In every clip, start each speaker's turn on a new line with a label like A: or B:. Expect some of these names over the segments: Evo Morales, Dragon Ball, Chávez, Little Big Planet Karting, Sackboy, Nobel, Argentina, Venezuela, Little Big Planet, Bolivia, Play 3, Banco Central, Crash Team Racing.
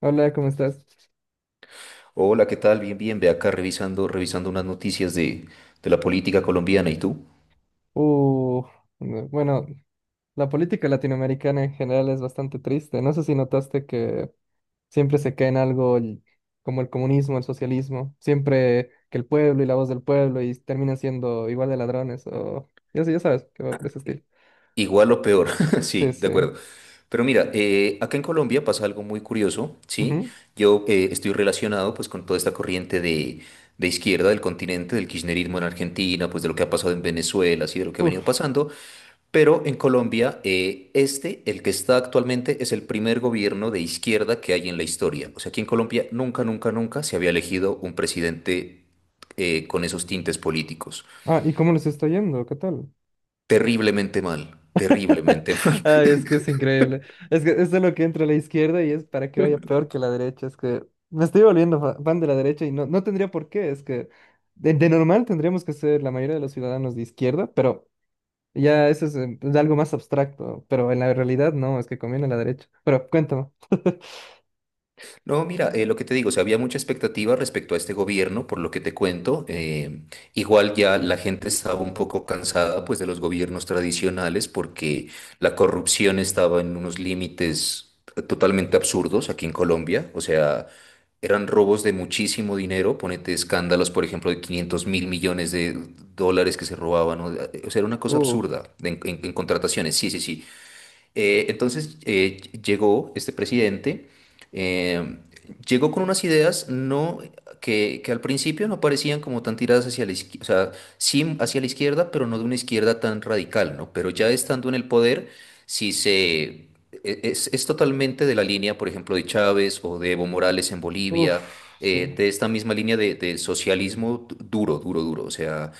A: Hola, ¿cómo estás?
B: Hola, ¿qué tal? Bien, bien. Ve acá revisando, revisando unas noticias de la política colombiana. ¿Y tú?
A: Uh, no, bueno, la política latinoamericana en general es bastante triste. No sé si notaste que siempre se cae en algo como el comunismo, el socialismo, siempre que el pueblo y la voz del pueblo y terminan siendo igual de ladrones o ya sé, ya sabes que va por ese estilo.
B: Igual o peor.
A: Sí,
B: Sí, de
A: sí.
B: acuerdo. Pero mira, acá en Colombia pasa algo muy curioso, ¿sí?
A: Ujú.
B: Yo estoy relacionado pues con toda esta corriente de izquierda del continente, del kirchnerismo en Argentina, pues de lo que ha pasado en Venezuela, ¿sí? De lo que ha venido
A: Uf.
B: pasando. Pero en Colombia, este, el que está actualmente, es el primer gobierno de izquierda que hay en la historia. O sea, aquí en Colombia nunca, nunca, nunca se había elegido un presidente con esos tintes políticos.
A: Ah, ¿y cómo les está yendo? ¿Qué tal?
B: Terriblemente mal, terriblemente mal.
A: Ay, es que es increíble. Es que es de lo que entra a la izquierda y es para que vaya peor que la derecha. Es que me estoy volviendo fan de la derecha y no, no tendría por qué. Es que de normal tendríamos que ser la mayoría de los ciudadanos de izquierda, pero ya eso es algo más abstracto. Pero en la realidad no, es que conviene la derecha. Pero cuéntame.
B: No, mira, lo que te digo, o sea, había mucha expectativa respecto a este gobierno, por lo que te cuento. Igual ya la gente estaba un poco cansada, pues, de los gobiernos tradicionales, porque la corrupción estaba en unos límites totalmente absurdos aquí en Colombia. O sea, eran robos de muchísimo dinero, ponete escándalos, por ejemplo, de 500.000 millones de dólares que se robaban. O sea, era una cosa
A: Uh,
B: absurda en contrataciones. Sí, sí, sí. Entonces llegó este presidente, eh, llegó con unas ideas no, que al principio no parecían como tan tiradas hacia la izquierda, o sea, sí hacia la izquierda, pero no de una izquierda tan radical, ¿no? Pero ya estando en el poder, sí se... es totalmente de la línea, por ejemplo, de Chávez o de Evo Morales en Bolivia,
A: uf, sí.
B: de esta misma línea de socialismo duro, duro, duro. O sea,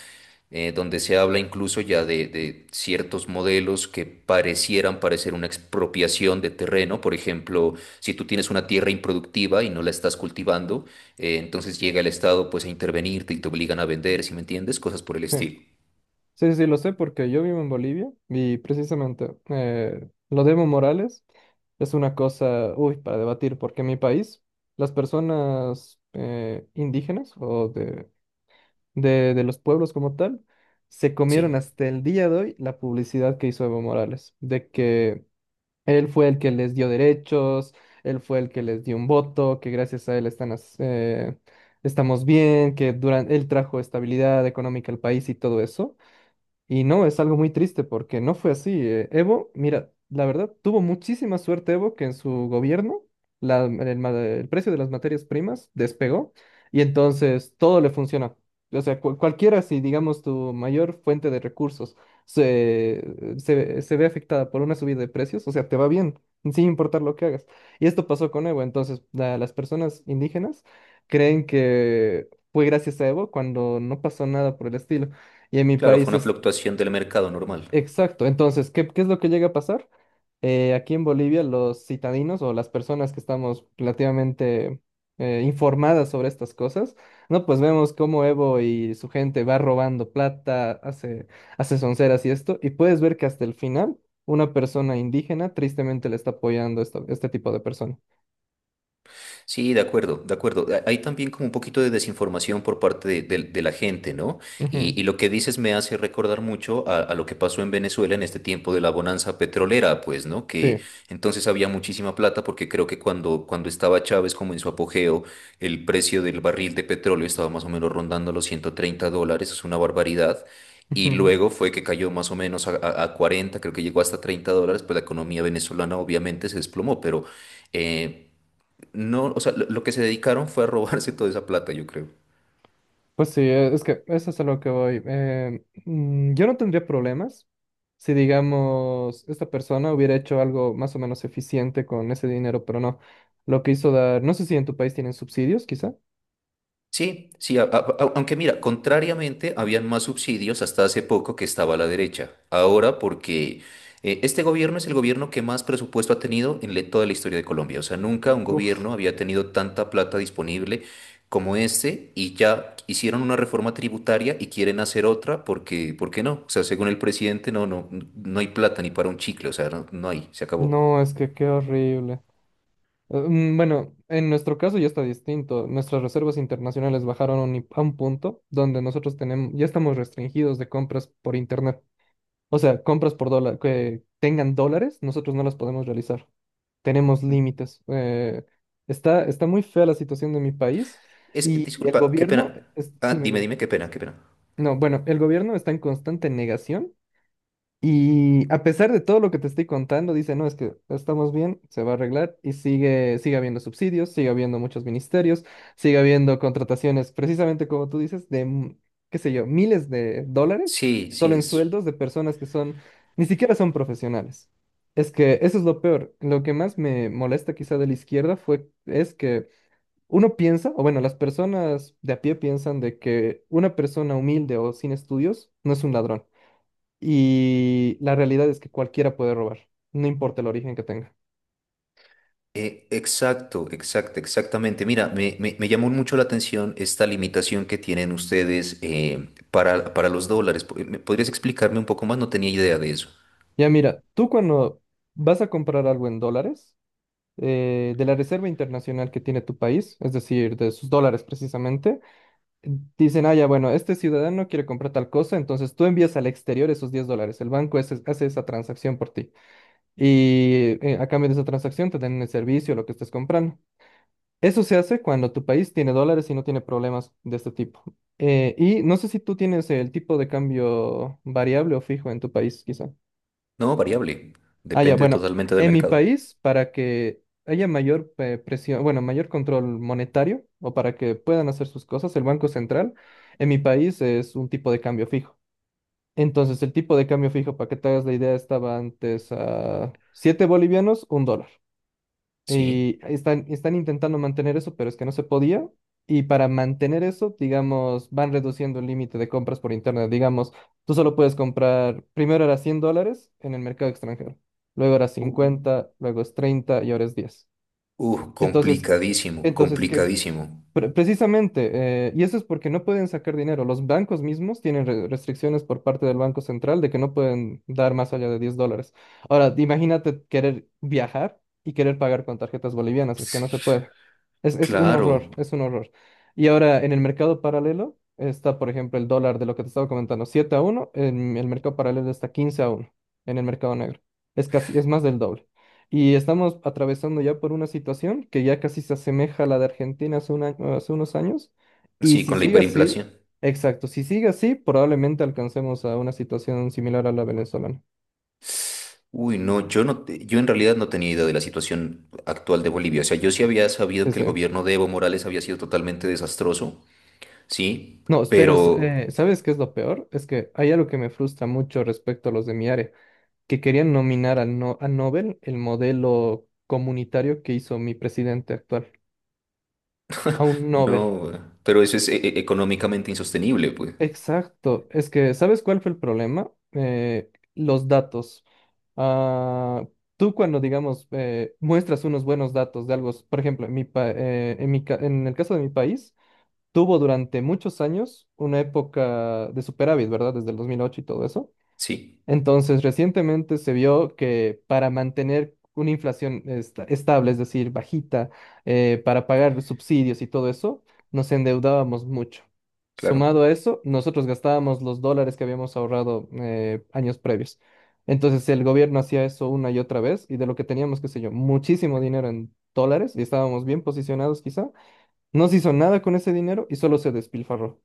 B: donde se habla incluso ya de ciertos modelos que parecieran parecer una expropiación de terreno. Por ejemplo, si tú tienes una tierra improductiva y no la estás cultivando, entonces llega el Estado pues a intervenirte y te obligan a vender, ¿si me entiendes? Cosas por el estilo.
A: Sí, sí, sí, lo sé porque yo vivo en Bolivia y precisamente lo de Evo Morales es una cosa, uy, para debatir, porque en mi país las personas indígenas o de los pueblos como tal se comieron
B: Sí,
A: hasta el día de hoy la publicidad que hizo Evo Morales, de que él fue el que les dio derechos, él fue el que les dio un voto, que gracias a él están, estamos bien, que durante, él trajo estabilidad económica al país y todo eso. Y no, es algo muy triste porque no fue así. Evo, mira, la verdad, tuvo muchísima suerte Evo que en su gobierno el precio de las materias primas despegó y entonces todo le funciona. O sea, cualquiera, si digamos tu mayor fuente de recursos se ve afectada por una subida de precios, o sea, te va bien, sin importar lo que hagas. Y esto pasó con Evo, entonces las personas indígenas creen que fue gracias a Evo cuando no pasó nada por el estilo. Y en mi
B: claro, fue
A: país.
B: una fluctuación del mercado normal.
A: Exacto. Entonces, ¿qué es lo que llega a pasar? Aquí en Bolivia, los citadinos o las personas que estamos relativamente informadas sobre estas cosas, ¿no? Pues vemos cómo Evo y su gente va robando plata, hace sonceras y esto, y puedes ver que hasta el final una persona indígena tristemente le está apoyando esto, este tipo de persona.
B: Sí, de acuerdo, de acuerdo. Hay también como un poquito de desinformación por parte de, de la gente, ¿no?
A: Ujú.
B: Y lo que dices me hace recordar mucho a lo que pasó en Venezuela en este tiempo de la bonanza petrolera, pues, ¿no? Que
A: Sí.
B: entonces había muchísima plata porque creo que cuando, cuando estaba Chávez como en su apogeo, el precio del barril de petróleo estaba más o menos rondando los 130 dólares, es una barbaridad. Y luego fue que cayó más o menos a, a 40, creo que llegó hasta 30 dólares, pues la economía venezolana obviamente se desplomó, pero... eh, no, o sea, lo que se dedicaron fue a robarse toda esa plata, yo creo.
A: Pues sí, es que eso es a lo que voy. Yo no tendría problemas si, digamos, esta persona hubiera hecho algo más o menos eficiente con ese dinero, pero no. Lo que hizo dar, no sé si en tu país tienen subsidios, quizá.
B: Sí, sí, aunque mira, contrariamente, habían más subsidios hasta hace poco que estaba la derecha. Ahora, porque este gobierno es el gobierno que más presupuesto ha tenido en toda la historia de Colombia. O sea, nunca un
A: Uf,
B: gobierno había tenido tanta plata disponible como este y ya hicieron una reforma tributaria y quieren hacer otra porque, ¿por qué no? O sea, según el presidente, no, no, no hay plata ni para un chicle, o sea, no, no hay, se acabó.
A: no, es que qué horrible. Bueno, en nuestro caso ya está distinto. Nuestras reservas internacionales bajaron a un punto donde nosotros tenemos, ya estamos restringidos de compras por internet. O sea, compras por dólar, que tengan dólares, nosotros no las podemos realizar. Tenemos límites. Está muy fea la situación de mi país
B: Es,
A: y el
B: disculpa, qué
A: gobierno,
B: pena. Ah,
A: dime,
B: dime,
A: dime.
B: dime, qué pena, qué pena.
A: No, bueno, el gobierno está en constante negación y a pesar de todo lo que te estoy contando, dice, no, es que estamos bien, se va a arreglar y sigue habiendo subsidios, sigue habiendo muchos ministerios, sigue habiendo contrataciones, precisamente como tú dices, de, qué sé yo, miles de dólares
B: Sí, sí,
A: solo en
B: es.
A: sueldos de personas que son, ni siquiera son profesionales. Es que eso es lo peor. Lo que más me molesta quizá de la izquierda fue, es que uno piensa, o bueno, las personas de a pie piensan de que una persona humilde o sin estudios no es un ladrón. Y la realidad es que cualquiera puede robar, no importa el origen que tenga.
B: Exacto, exacto, exactamente. Mira, me llamó mucho la atención esta limitación que tienen ustedes para los dólares. Po- ¿me ¿Podrías explicarme un poco más? No tenía idea de eso.
A: Ya mira, tú cuando vas a comprar algo en dólares, de la reserva internacional que tiene tu país, es decir, de sus dólares precisamente, dicen, ah, ya, bueno, este ciudadano quiere comprar tal cosa, entonces tú envías al exterior esos $10, el banco hace esa transacción por ti. Y a cambio de esa transacción te dan el servicio, lo que estés comprando. Eso se hace cuando tu país tiene dólares y no tiene problemas de este tipo. Y no sé si tú tienes el tipo de cambio variable o fijo en tu país, quizá.
B: No, variable.
A: Ah, ya,
B: Depende
A: bueno,
B: totalmente del
A: en mi
B: mercado.
A: país, para que haya mayor presión, bueno, mayor control monetario o para que puedan hacer sus cosas, el Banco Central en mi país es un tipo de cambio fijo. Entonces, el tipo de cambio fijo, para que te hagas la idea, estaba antes a 7 bolivianos, un dólar.
B: Sí.
A: Y están intentando mantener eso, pero es que no se podía. Y para mantener eso, digamos, van reduciendo el límite de compras por internet. Digamos, tú solo puedes comprar, primero era $100 en el mercado extranjero, luego era
B: Uh,
A: 50 luego es 30 y ahora es 10. Entonces,
B: complicadísimo,
A: entonces, ¿qué,
B: complicadísimo.
A: Precisamente, y eso es porque no pueden sacar dinero. Los bancos mismos tienen restricciones por parte del Banco Central de que no pueden dar más allá de $10. Ahora, imagínate querer viajar y querer pagar con tarjetas bolivianas, es que no se puede. Es un
B: Claro,
A: horror, es un horror. Y ahora, en el mercado paralelo está, por ejemplo, el dólar de lo que te estaba comentando, 7 a uno, en el mercado paralelo está 15 a uno en el mercado negro. Es casi, es más del doble. Y estamos atravesando ya por una situación que ya casi se asemeja a la de Argentina hace unos años. Y
B: sí,
A: si
B: con la
A: sigue así,
B: hiperinflación.
A: exacto, si sigue así, probablemente alcancemos a una situación similar a la venezolana.
B: Uy, no, yo no, yo en realidad no tenía idea de la situación actual de Bolivia. O sea, yo sí había sabido
A: Sí,
B: que
A: sí.
B: el gobierno de Evo Morales había sido totalmente desastroso, sí,
A: No, pero
B: pero
A: ¿sabes qué es lo peor? Es que hay algo que me frustra mucho respecto a los de mi área, que querían nominar a, no a Nobel el modelo comunitario que hizo mi presidente actual, a un Nobel.
B: no, pero eso es económicamente insostenible, pues.
A: Exacto. Es que, ¿sabes cuál fue el problema? Los datos. Ah, tú cuando, digamos, muestras unos buenos datos de algo, por ejemplo, en mi pa- en mi ca- en el caso de mi país, tuvo durante muchos años una época de superávit, ¿verdad? Desde el 2008 y todo eso.
B: Sí,
A: Entonces, recientemente se vio que para mantener una inflación estable, es decir, bajita, para pagar los subsidios y todo eso, nos endeudábamos mucho. Sumado
B: claro.
A: a eso, nosotros gastábamos los dólares que habíamos ahorrado años previos. Entonces, el gobierno hacía eso una y otra vez y de lo que teníamos, qué sé yo, muchísimo dinero en dólares y estábamos bien posicionados quizá, no se hizo nada con ese dinero y solo se despilfarró.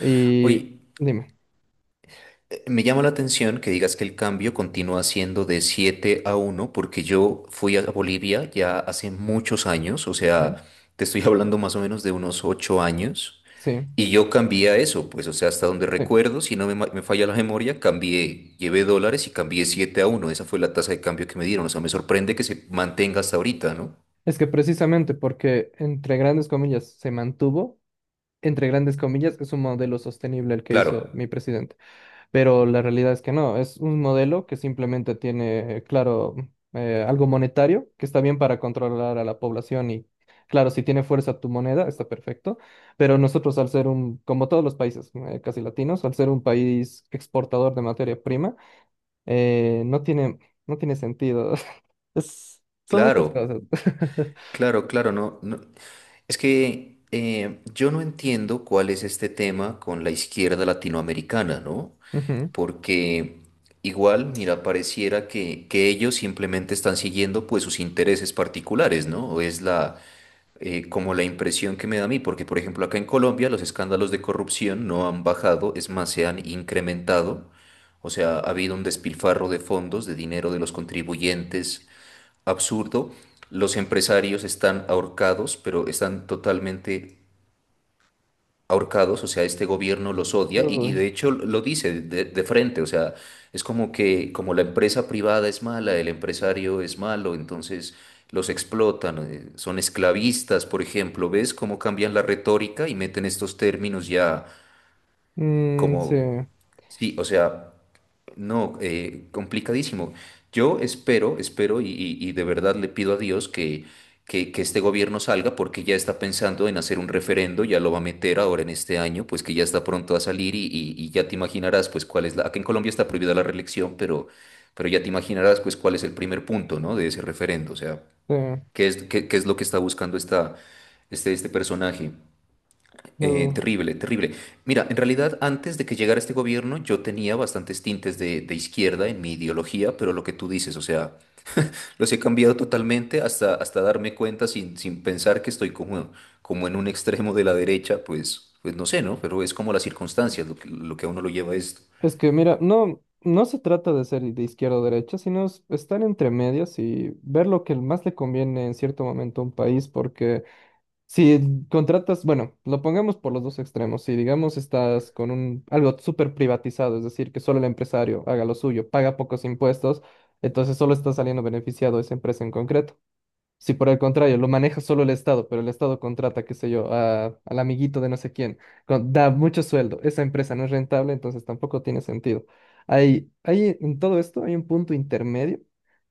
A: Y
B: Oye,
A: dime.
B: me llama la atención que digas que el cambio continúa siendo de 7 a 1 porque yo fui a Bolivia ya hace muchos años, o
A: Ujú.
B: sea, te estoy hablando más o menos de unos 8 años.
A: Sí,
B: Y yo cambié a eso, pues, o sea, hasta donde
A: sí.
B: recuerdo, si no me, me falla la memoria, cambié, llevé dólares y cambié 7 a 1. Esa fue la tasa de cambio que me dieron. O sea, me sorprende que se mantenga hasta ahorita, ¿no?
A: Es que precisamente porque entre grandes comillas se mantuvo, entre grandes comillas es un modelo sostenible el que
B: Claro,
A: hizo mi presidente, pero la realidad es que no, es un modelo que simplemente tiene, claro, algo monetario que está bien para controlar a la población y, claro, si tiene fuerza tu moneda está perfecto, pero nosotros al ser un, como todos los países casi latinos, al ser un país exportador de materia prima, no tiene, no tiene sentido. Son muchas
B: claro,
A: cosas.
B: claro, claro, no, no. Es que yo no entiendo cuál es este tema con la izquierda latinoamericana, ¿no?
A: Ujú.
B: Porque igual, mira, pareciera que ellos simplemente están siguiendo, pues, sus intereses particulares, ¿no? O es la como la impresión que me da a mí, porque por ejemplo acá en Colombia los escándalos de corrupción no han bajado, es más, se han incrementado, o sea, ha habido un despilfarro de fondos, de dinero de los contribuyentes absurdo, los empresarios están ahorcados, pero están totalmente ahorcados, o sea, este gobierno los odia y
A: Uy,
B: de hecho lo dice de frente, o sea, es como que como la empresa privada es mala, el empresario es malo, entonces los explotan, son esclavistas, por ejemplo, ¿ves cómo cambian la retórica y meten estos términos ya
A: mm, sí,
B: como, sí, o sea... No, complicadísimo. Yo espero, espero y de verdad le pido a Dios que este gobierno salga porque ya está pensando en hacer un referendo, ya lo va a meter ahora en este año, pues que ya está pronto a salir y ya te imaginarás pues cuál es la... Aquí en Colombia está prohibida la reelección, pero ya te imaginarás pues cuál es el primer punto, ¿no? De ese referendo, o sea,
A: sí.
B: qué es, qué, qué es lo que está buscando esta, este personaje.
A: uh.
B: Terrible, terrible. Mira, en realidad antes de que llegara este gobierno yo tenía bastantes tintes de izquierda en mi ideología, pero lo que tú dices, o sea, los he cambiado totalmente hasta, hasta darme cuenta sin, sin pensar que estoy como, como en un extremo de la derecha, pues, pues no sé, ¿no? Pero es como las circunstancias lo que a uno lo lleva a esto.
A: Es que mira, no, no se trata de ser de izquierda o derecha, sino es estar entre medias y ver lo que más le conviene en cierto momento a un país, porque si contratas, bueno, lo pongamos por los dos extremos, si digamos estás con un algo súper privatizado, es decir, que solo el empresario haga lo suyo, paga pocos impuestos, entonces solo está saliendo beneficiado esa empresa en concreto. Si por el contrario lo maneja solo el Estado, pero el Estado contrata, qué sé yo, a- al amiguito de no sé quién, da mucho sueldo, esa empresa no es rentable, entonces tampoco tiene sentido. Hay, en todo esto hay un punto intermedio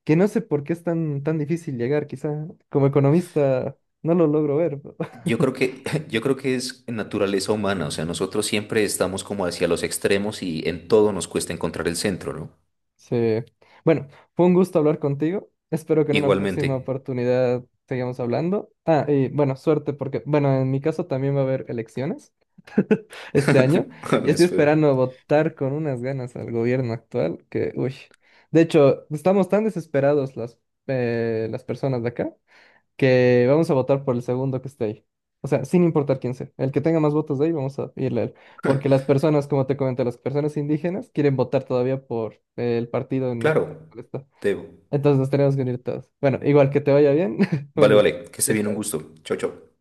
A: que no sé por qué es tan, tan difícil llegar, quizá como economista no lo logro ver.
B: Yo creo que, yo creo que es naturaleza humana, o sea, nosotros siempre estamos como hacia los extremos y en todo nos cuesta encontrar el centro, ¿no?
A: Sí. Bueno, fue un gusto hablar contigo. Espero que en una
B: Igualmente.
A: próxima oportunidad sigamos hablando. Ah, y bueno, suerte porque, bueno, en mi caso también va a haber elecciones este año. Y
B: Hola,
A: estoy
B: Sue.
A: esperando votar con unas ganas al gobierno actual que, uy. De hecho, estamos tan desesperados las personas de acá que vamos a votar por el segundo que esté ahí. O sea, sin importar quién sea. El que tenga más votos de ahí, vamos a irle a él. Porque las personas, como te comenté, las personas indígenas quieren votar todavía por el partido en
B: Claro,
A: el cual está.
B: Teo.
A: Entonces nos tenemos que unir todos. Bueno, igual que te vaya bien. Un
B: Vale,
A: gusto.
B: vale, que se
A: Chao,
B: viene un
A: chao.
B: gusto. Chao, chao.